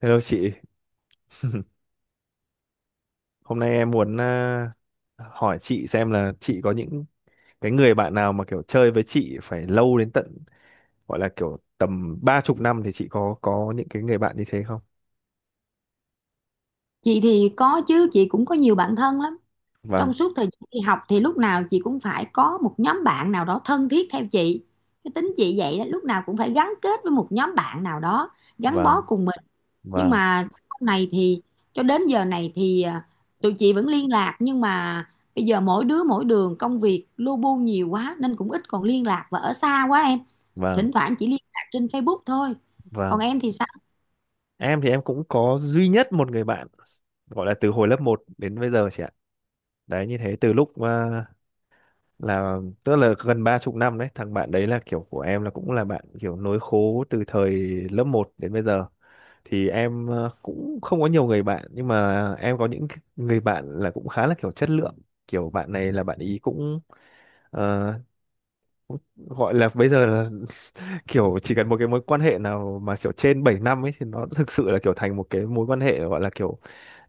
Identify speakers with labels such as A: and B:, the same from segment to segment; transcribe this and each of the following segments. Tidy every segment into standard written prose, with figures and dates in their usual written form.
A: Hello chị, hôm nay em muốn hỏi chị xem là chị có những cái người bạn nào mà kiểu chơi với chị phải lâu đến tận gọi là kiểu tầm 30 năm thì chị có những cái người bạn như thế không?
B: Chị thì có chứ, chị cũng có nhiều bạn thân lắm. Trong
A: Vâng,
B: suốt thời gian đi học thì lúc nào chị cũng phải có một nhóm bạn nào đó thân thiết theo chị. Cái tính chị vậy đó, lúc nào cũng phải gắn kết với một nhóm bạn nào đó, gắn bó
A: vâng,
B: cùng mình. Nhưng
A: vâng,
B: mà sau này thì cho đến giờ này thì tụi chị vẫn liên lạc, nhưng mà bây giờ mỗi đứa mỗi đường, công việc lu bu nhiều quá nên cũng ít còn liên lạc và ở xa quá em.
A: vâng,
B: Thỉnh thoảng chỉ liên lạc trên Facebook thôi. Còn
A: vâng.
B: em thì sao?
A: Em thì em cũng có duy nhất một người bạn gọi là từ hồi lớp 1 đến bây giờ chị ạ. Đấy như thế từ lúc là tức là gần 30 năm đấy, thằng bạn đấy là kiểu của em là cũng là bạn kiểu nối khố từ thời lớp 1 đến bây giờ thì em cũng không có nhiều người bạn nhưng mà em có những người bạn là cũng khá là kiểu chất lượng kiểu bạn này là bạn ý cũng ờ, gọi là bây giờ là kiểu chỉ cần một cái mối quan hệ nào mà kiểu trên 7 năm ấy thì nó thực sự là kiểu thành một cái mối quan hệ gọi là kiểu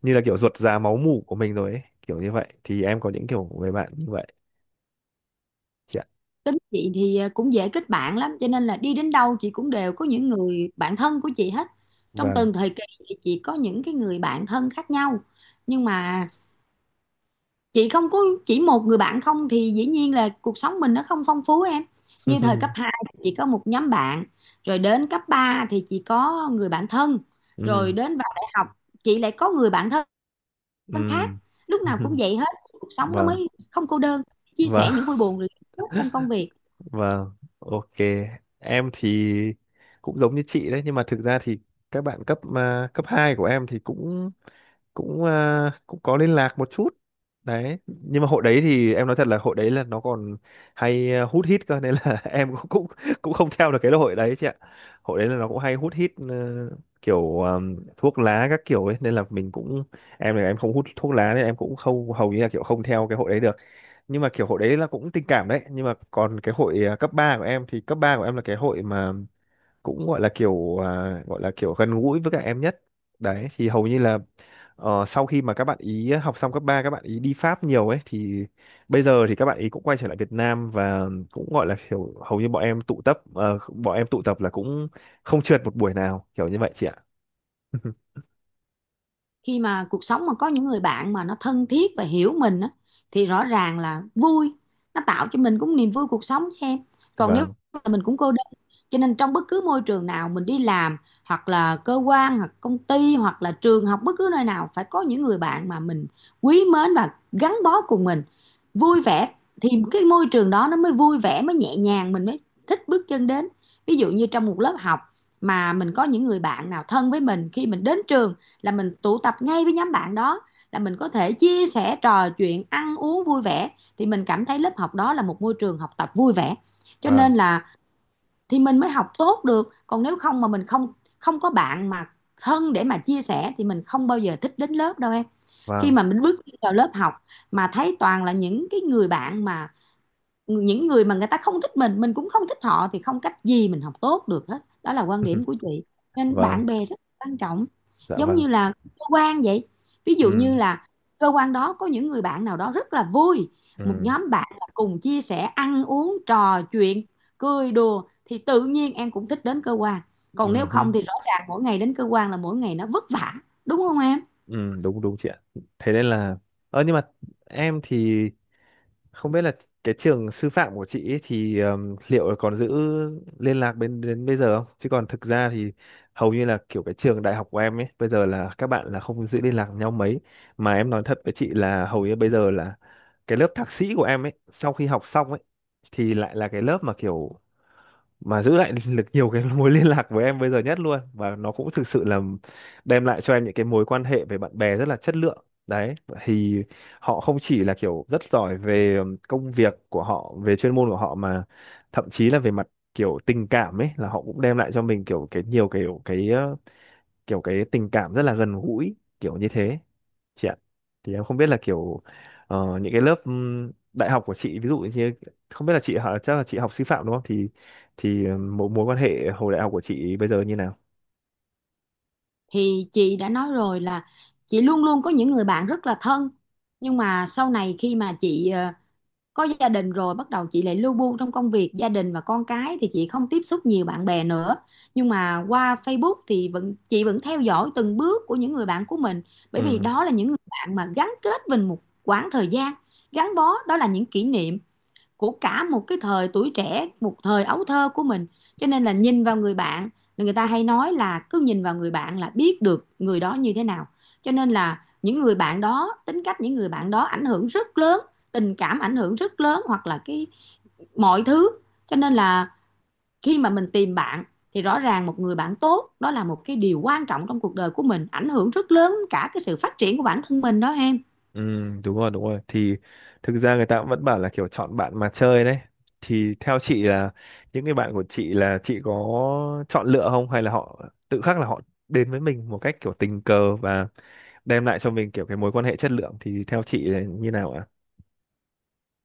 A: như là kiểu ruột già máu mủ của mình rồi ấy kiểu như vậy thì em có những kiểu người bạn như vậy. Dạ
B: Tính chị thì cũng dễ kết bạn lắm, cho nên là đi đến đâu chị cũng đều có những người bạn thân của chị hết. Trong
A: vâng.
B: từng thời kỳ thì chị có những cái người bạn thân khác nhau, nhưng mà chị không có chỉ một người bạn không, thì dĩ nhiên là cuộc sống mình nó không phong phú em. Như thời cấp 2 thì chị có một nhóm bạn, rồi đến cấp 3 thì chị có người bạn thân, rồi
A: Ừ,
B: đến vào đại học chị lại có người bạn thân
A: ừ.
B: khác. Lúc nào cũng vậy hết, cuộc sống nó
A: Vâng,
B: mới không cô đơn, chia
A: vâng.
B: sẻ những vui buồn rồi hạnh phúc trong công việc.
A: Vâng, ok. Em thì cũng giống như chị đấy, nhưng mà thực ra thì các bạn cấp 2 của em thì cũng cũng à, cũng có liên lạc một chút. Đấy, nhưng mà hội đấy thì em nói thật là hội đấy là nó còn hay hút hít cơ nên là em cũng cũng cũng không theo được cái hội đấy chị ạ. Hội đấy là nó cũng hay hút hít kiểu thuốc lá các kiểu ấy nên là mình cũng em là em không hút thuốc lá nên em cũng không hầu như là kiểu không theo cái hội đấy được nhưng mà kiểu hội đấy là cũng tình cảm đấy nhưng mà còn cái hội cấp 3 của em thì cấp 3 của em là cái hội mà cũng gọi là kiểu gọi là kiểu gần gũi với các em nhất đấy thì hầu như là sau khi mà các bạn ý học xong cấp 3 các bạn ý đi Pháp nhiều ấy thì bây giờ thì các bạn ý cũng quay trở lại Việt Nam và cũng gọi là kiểu hầu như bọn em tụ tập là cũng không trượt một buổi nào kiểu như vậy chị ạ.
B: Khi mà cuộc sống mà có những người bạn mà nó thân thiết và hiểu mình á thì rõ ràng là vui, nó tạo cho mình cũng niềm vui cuộc sống cho em. Còn nếu
A: Vâng,
B: mà mình cũng cô đơn, cho nên trong bất cứ môi trường nào mình đi làm, hoặc là cơ quan hoặc công ty hoặc là trường học, bất cứ nơi nào phải có những người bạn mà mình quý mến và gắn bó cùng mình, vui vẻ, thì cái môi trường đó nó mới vui vẻ, mới nhẹ nhàng, mình mới thích bước chân đến. Ví dụ như trong một lớp học mà mình có những người bạn nào thân với mình, khi mình đến trường là mình tụ tập ngay với nhóm bạn đó, là mình có thể chia sẻ trò chuyện ăn uống vui vẻ, thì mình cảm thấy lớp học đó là một môi trường học tập vui vẻ, cho nên
A: vâng,
B: là thì mình mới học tốt được. Còn nếu không mà mình không không có bạn mà thân để mà chia sẻ thì mình không bao giờ thích đến lớp đâu em. Khi
A: vâng.
B: mà mình bước vào lớp học mà thấy toàn là những cái người bạn mà những người mà người ta không thích mình cũng không thích họ, thì không cách gì mình học tốt được hết. Đó là quan điểm của chị. Nên
A: Vâng.
B: bạn bè rất quan trọng,
A: Dạ
B: giống
A: vâng.
B: như là cơ quan vậy. Ví dụ
A: Ừ,
B: như là cơ quan đó có những người bạn nào đó rất là vui, một
A: ừ,
B: nhóm bạn là cùng chia sẻ ăn uống trò chuyện cười đùa, thì tự nhiên em cũng thích đến cơ quan. Còn nếu
A: ừ.
B: không thì rõ ràng mỗi ngày đến cơ quan là mỗi ngày nó vất vả, đúng không em?
A: Ừ, đúng đúng chị ạ. Thế nên là nhưng mà em thì không biết là cái trường sư phạm của chị ấy thì liệu còn giữ liên lạc bên đến bây giờ không? Chứ còn thực ra thì hầu như là kiểu cái trường đại học của em ấy bây giờ là các bạn là không giữ liên lạc với nhau mấy mà em nói thật với chị là hầu như bây giờ là cái lớp thạc sĩ của em ấy sau khi học xong ấy thì lại là cái lớp mà kiểu mà giữ lại được nhiều cái mối liên lạc với em bây giờ nhất luôn và nó cũng thực sự là đem lại cho em những cái mối quan hệ về bạn bè rất là chất lượng đấy thì họ không chỉ là kiểu rất giỏi về công việc của họ về chuyên môn của họ mà thậm chí là về mặt kiểu tình cảm ấy là họ cũng đem lại cho mình kiểu cái nhiều kiểu cái tình cảm rất là gần gũi kiểu như thế chị ạ thì em không biết là kiểu những cái lớp đại học của chị ví dụ như không biết là chị họ chắc là chị học sư phạm đúng không thì thì mối mối quan hệ hồi đại học của chị bây giờ như nào.
B: Thì chị đã nói rồi là chị luôn luôn có những người bạn rất là thân. Nhưng mà sau này khi mà chị có gia đình rồi, bắt đầu chị lại lu bu trong công việc gia đình và con cái thì chị không tiếp xúc nhiều bạn bè nữa. Nhưng mà qua Facebook thì chị vẫn theo dõi từng bước của những người bạn của mình, bởi
A: Ừ.
B: vì đó là những người bạn mà gắn kết mình một quãng thời gian gắn bó, đó là những kỷ niệm của cả một cái thời tuổi trẻ, một thời ấu thơ của mình. Cho nên là nhìn vào người bạn, là người ta hay nói là cứ nhìn vào người bạn là biết được người đó như thế nào. Cho nên là những người bạn đó, tính cách những người bạn đó ảnh hưởng rất lớn, tình cảm ảnh hưởng rất lớn, hoặc là cái mọi thứ. Cho nên là khi mà mình tìm bạn thì rõ ràng một người bạn tốt đó là một cái điều quan trọng trong cuộc đời của mình, ảnh hưởng rất lớn cả cái sự phát triển của bản thân mình đó em.
A: Ừ, đúng rồi, đúng rồi. Thì thực ra người ta cũng vẫn bảo là kiểu chọn bạn mà chơi đấy. Thì theo chị là những cái bạn của chị là chị có chọn lựa không hay là họ tự khắc là họ đến với mình một cách kiểu tình cờ và đem lại cho mình kiểu cái mối quan hệ chất lượng thì theo chị là như nào ạ?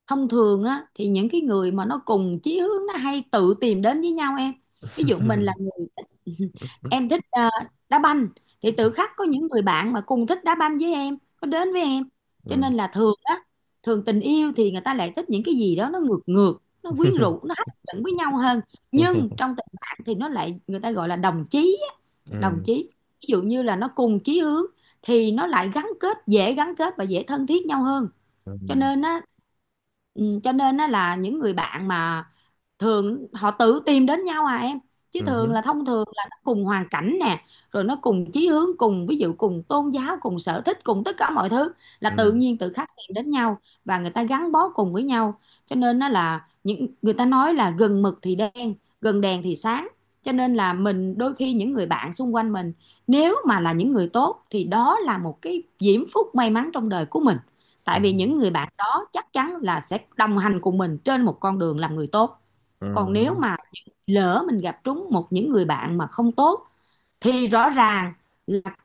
B: Thông thường á thì những cái người mà nó cùng chí hướng nó hay tự tìm đến với nhau em. Ví dụ mình là người em thích đá banh thì tự khắc có những người bạn mà cùng thích đá banh với em có đến với em. Cho
A: Ừ.
B: nên là thường á, thường tình yêu thì người ta lại thích những cái gì đó nó ngược ngược, nó quyến rũ, nó hấp dẫn với nhau hơn.
A: Ừ. Ừ.
B: Nhưng trong tình bạn thì nó lại, người ta gọi là đồng chí á, đồng chí. Ví dụ như là nó cùng chí hướng thì nó lại gắn kết, dễ gắn kết và dễ thân thiết nhau hơn.
A: Ừ.
B: Cho nên á, cho nên á là những người bạn mà thường họ tự tìm đến nhau à em. Chứ thường
A: Ừ.
B: là, thông thường là nó cùng hoàn cảnh nè, rồi nó cùng chí hướng, cùng ví dụ cùng tôn giáo, cùng sở thích, cùng tất cả mọi thứ, là tự
A: Ừ.
B: nhiên tự khắc tìm đến nhau và người ta gắn bó cùng với nhau. Cho nên nó là, những người ta nói là gần mực thì đen, gần đèn thì sáng. Cho nên là mình đôi khi những người bạn xung quanh mình, nếu mà là những người tốt thì đó là một cái diễm phúc may mắn trong đời của mình,
A: Ừ.
B: tại vì những người bạn đó chắc chắn là sẽ đồng hành cùng mình trên một con đường làm người tốt. Còn nếu
A: Ừ.
B: mà lỡ mình gặp trúng một những người bạn mà không tốt thì rõ ràng là,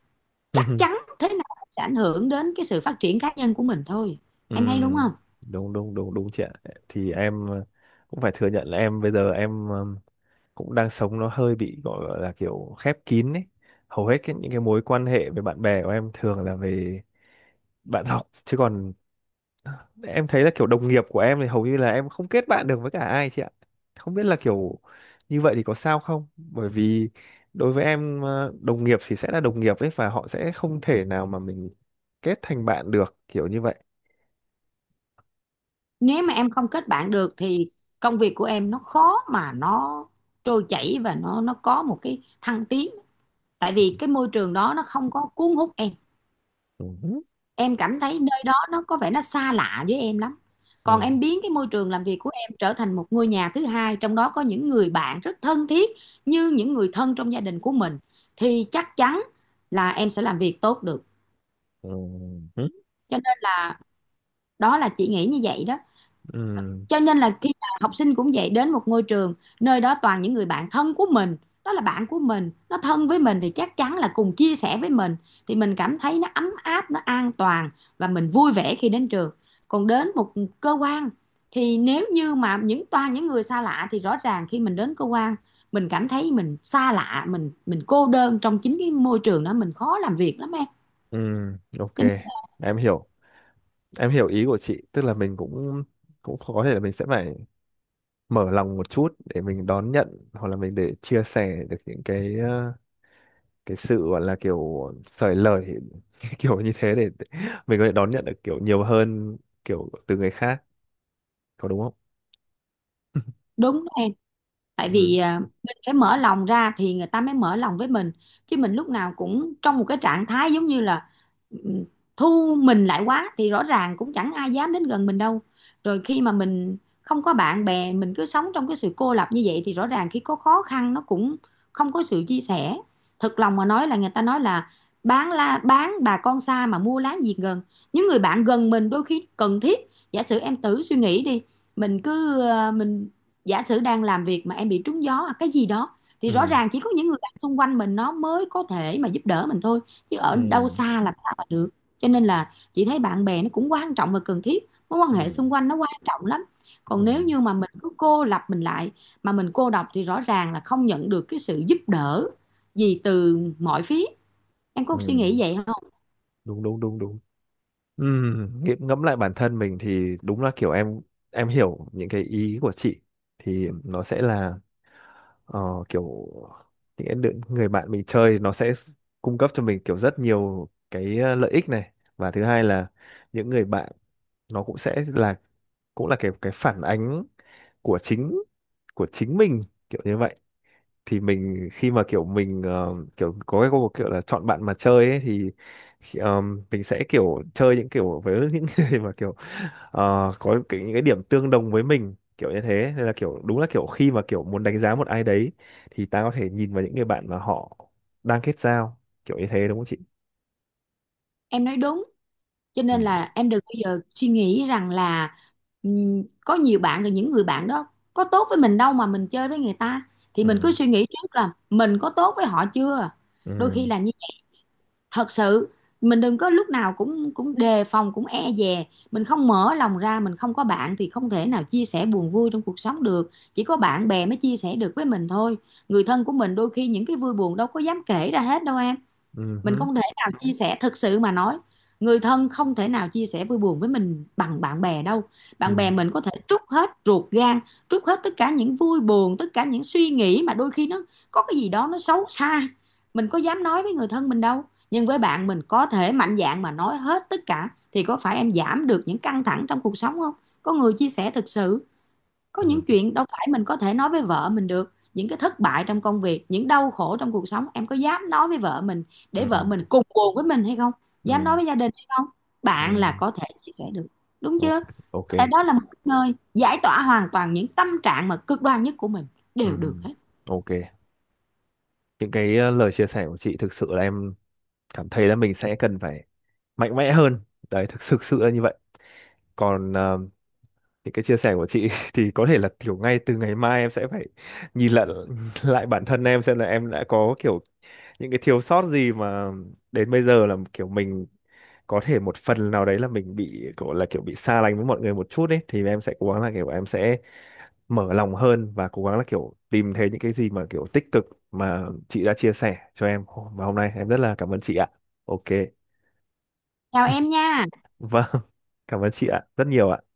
A: Ừ.
B: chắc chắn thế nào sẽ ảnh hưởng đến cái sự phát triển cá nhân của mình thôi.
A: Ừ,
B: Em thấy đúng không?
A: đúng đúng đúng đúng chị ạ thì em cũng phải thừa nhận là em bây giờ em cũng đang sống nó hơi bị gọi là kiểu khép kín ấy hầu hết những cái mối quan hệ với bạn bè của em thường là về bạn học chứ còn em thấy là kiểu đồng nghiệp của em thì hầu như là em không kết bạn được với cả ai chị ạ không biết là kiểu như vậy thì có sao không bởi vì đối với em đồng nghiệp thì sẽ là đồng nghiệp ấy và họ sẽ không thể nào mà mình kết thành bạn được kiểu như vậy.
B: Nếu mà em không kết bạn được thì công việc của em nó khó mà nó trôi chảy và nó có một cái thăng tiến. Tại vì cái môi trường đó nó không có cuốn hút em.
A: Ừ.
B: Em cảm thấy nơi đó nó có vẻ nó xa lạ với em lắm. Còn
A: Ừ.
B: em biến cái môi trường làm việc của em trở thành một ngôi nhà thứ hai, trong đó có những người bạn rất thân thiết như những người thân trong gia đình của mình, thì chắc chắn là em sẽ làm việc tốt được.
A: Ừ. Ừ.
B: Cho nên là đó là chị nghĩ như vậy đó.
A: Ừ.
B: Cho nên là khi mà học sinh cũng vậy, đến một ngôi trường nơi đó toàn những người bạn thân của mình, đó là bạn của mình nó thân với mình thì chắc chắn là cùng chia sẻ với mình, thì mình cảm thấy nó ấm áp, nó an toàn, và mình vui vẻ khi đến trường. Còn đến một cơ quan thì nếu như mà những toàn những người xa lạ thì rõ ràng khi mình đến cơ quan, mình cảm thấy mình xa lạ, mình cô đơn trong chính cái môi trường đó, mình khó làm việc lắm em.
A: Ừ. Ok,
B: Cho nên-
A: em hiểu. Em hiểu ý của chị, tức là mình cũng cũng có thể là mình sẽ phải mở lòng một chút để mình đón nhận hoặc là mình để chia sẻ được những cái sự gọi là kiểu sởi lời kiểu như thế để mình có thể đón nhận được kiểu nhiều hơn kiểu từ người khác, có đúng không?
B: Đúng em, tại
A: Ừ.
B: vì mình phải mở lòng ra thì người ta mới mở lòng với mình. Chứ mình lúc nào cũng trong một cái trạng thái giống như là ừm, thu mình lại quá thì rõ ràng cũng chẳng ai dám đến gần mình đâu. Rồi khi mà mình không có bạn bè, mình cứ sống trong cái sự cô lập như vậy, thì rõ ràng khi có khó khăn nó cũng không có sự chia sẻ. Thật lòng mà nói, là người ta nói là bán la bán bà con xa mà mua láng giềng gần. Những người bạn gần mình đôi khi cần thiết. Giả sử em thử suy nghĩ đi, mình giả sử đang làm việc mà em bị trúng gió hoặc cái gì đó, thì rõ
A: Ừ.
B: ràng chỉ có những người bạn xung quanh mình nó mới có thể mà giúp đỡ mình thôi. Chứ ở
A: Ừ.
B: đâu xa làm sao mà được. Cho nên là chị thấy bạn bè nó cũng quan trọng và cần thiết, mối quan
A: Ừ.
B: hệ xung quanh nó quan trọng lắm.
A: Ừ.
B: Còn nếu như mà mình cứ cô lập mình lại mà mình cô độc, thì rõ ràng là không nhận được cái sự giúp đỡ gì từ mọi phía. Em
A: Ừ.
B: có suy nghĩ vậy không?
A: Đúng đúng đúng đúng. Ừ, ngẫm lại bản thân mình thì đúng là kiểu em hiểu những cái ý của chị thì nó sẽ là ờ, kiểu những cái người bạn mình chơi nó sẽ cung cấp cho mình kiểu rất nhiều cái lợi ích này và thứ hai là những người bạn nó cũng sẽ là cũng là cái phản ánh của chính của chính mình kiểu như vậy thì mình khi mà kiểu mình kiểu có cái câu kiểu là chọn bạn mà chơi ấy, thì mình sẽ kiểu chơi những kiểu với những người mà kiểu ờ, những cái điểm tương đồng với mình kiểu như thế nên là kiểu đúng là kiểu khi mà kiểu muốn đánh giá một ai đấy thì ta có thể nhìn vào những người bạn mà họ đang kết giao kiểu như thế đúng không chị.
B: Em nói đúng. Cho
A: Ừ,
B: nên là em đừng bao giờ suy nghĩ rằng là có nhiều bạn rồi những người bạn đó có tốt với mình đâu mà mình chơi với người ta, thì mình cứ
A: ừ,
B: suy nghĩ trước là mình có tốt với họ chưa. Đôi khi
A: ừ,
B: là như thật sự mình đừng có lúc nào cũng cũng đề phòng, cũng e dè. Mình không mở lòng ra, mình không có bạn thì không thể nào chia sẻ buồn vui trong cuộc sống được, chỉ có bạn bè mới chia sẻ được với mình thôi. Người thân của mình đôi khi những cái vui buồn đâu có dám kể ra hết đâu em.
A: ừ
B: Mình
A: hứ,
B: không thể nào chia sẻ, thực sự mà nói, người thân không thể nào chia sẻ vui buồn với mình bằng bạn bè đâu. Bạn
A: ừ,
B: bè mình có thể trút hết ruột gan, trút hết tất cả những vui buồn, tất cả những suy nghĩ mà đôi khi nó có cái gì đó nó xấu xa, mình có dám nói với người thân mình đâu. Nhưng với bạn mình có thể mạnh dạn mà nói hết tất cả, thì có phải em giảm được những căng thẳng trong cuộc sống không? Có người chia sẻ thực sự. Có
A: ừ,
B: những chuyện đâu phải mình có thể nói với vợ mình được, những cái thất bại trong công việc, những đau khổ trong cuộc sống em có dám nói với vợ mình để
A: ừ,
B: vợ mình cùng buồn với mình hay không? Dám nói
A: ừ,
B: với gia đình hay không? Bạn
A: ừ.
B: là có thể chia sẻ được, đúng
A: Ok.
B: chưa?
A: Ok.
B: Có thể đó là một cái nơi giải tỏa hoàn toàn những tâm trạng mà cực đoan nhất của mình,
A: Ừ.
B: đều được hết.
A: Ok, những cái lời chia sẻ của chị thực sự là em cảm thấy là mình sẽ cần phải mạnh mẽ hơn đấy thực thực sự là như vậy còn những cái chia sẻ của chị thì có thể là kiểu ngay từ ngày mai em sẽ phải nhìn lại lại bản thân em xem là em đã có kiểu những cái thiếu sót gì mà đến bây giờ là kiểu mình có thể một phần nào đấy là mình bị kiểu là kiểu bị xa lánh với mọi người một chút ấy thì em sẽ cố gắng là kiểu em sẽ mở lòng hơn và cố gắng là kiểu tìm thấy những cái gì mà kiểu tích cực mà chị đã chia sẻ cho em và hôm nay em rất là cảm ơn chị ạ. Ok.
B: Chào em nha.
A: Vâng, cảm ơn chị ạ, rất nhiều ạ.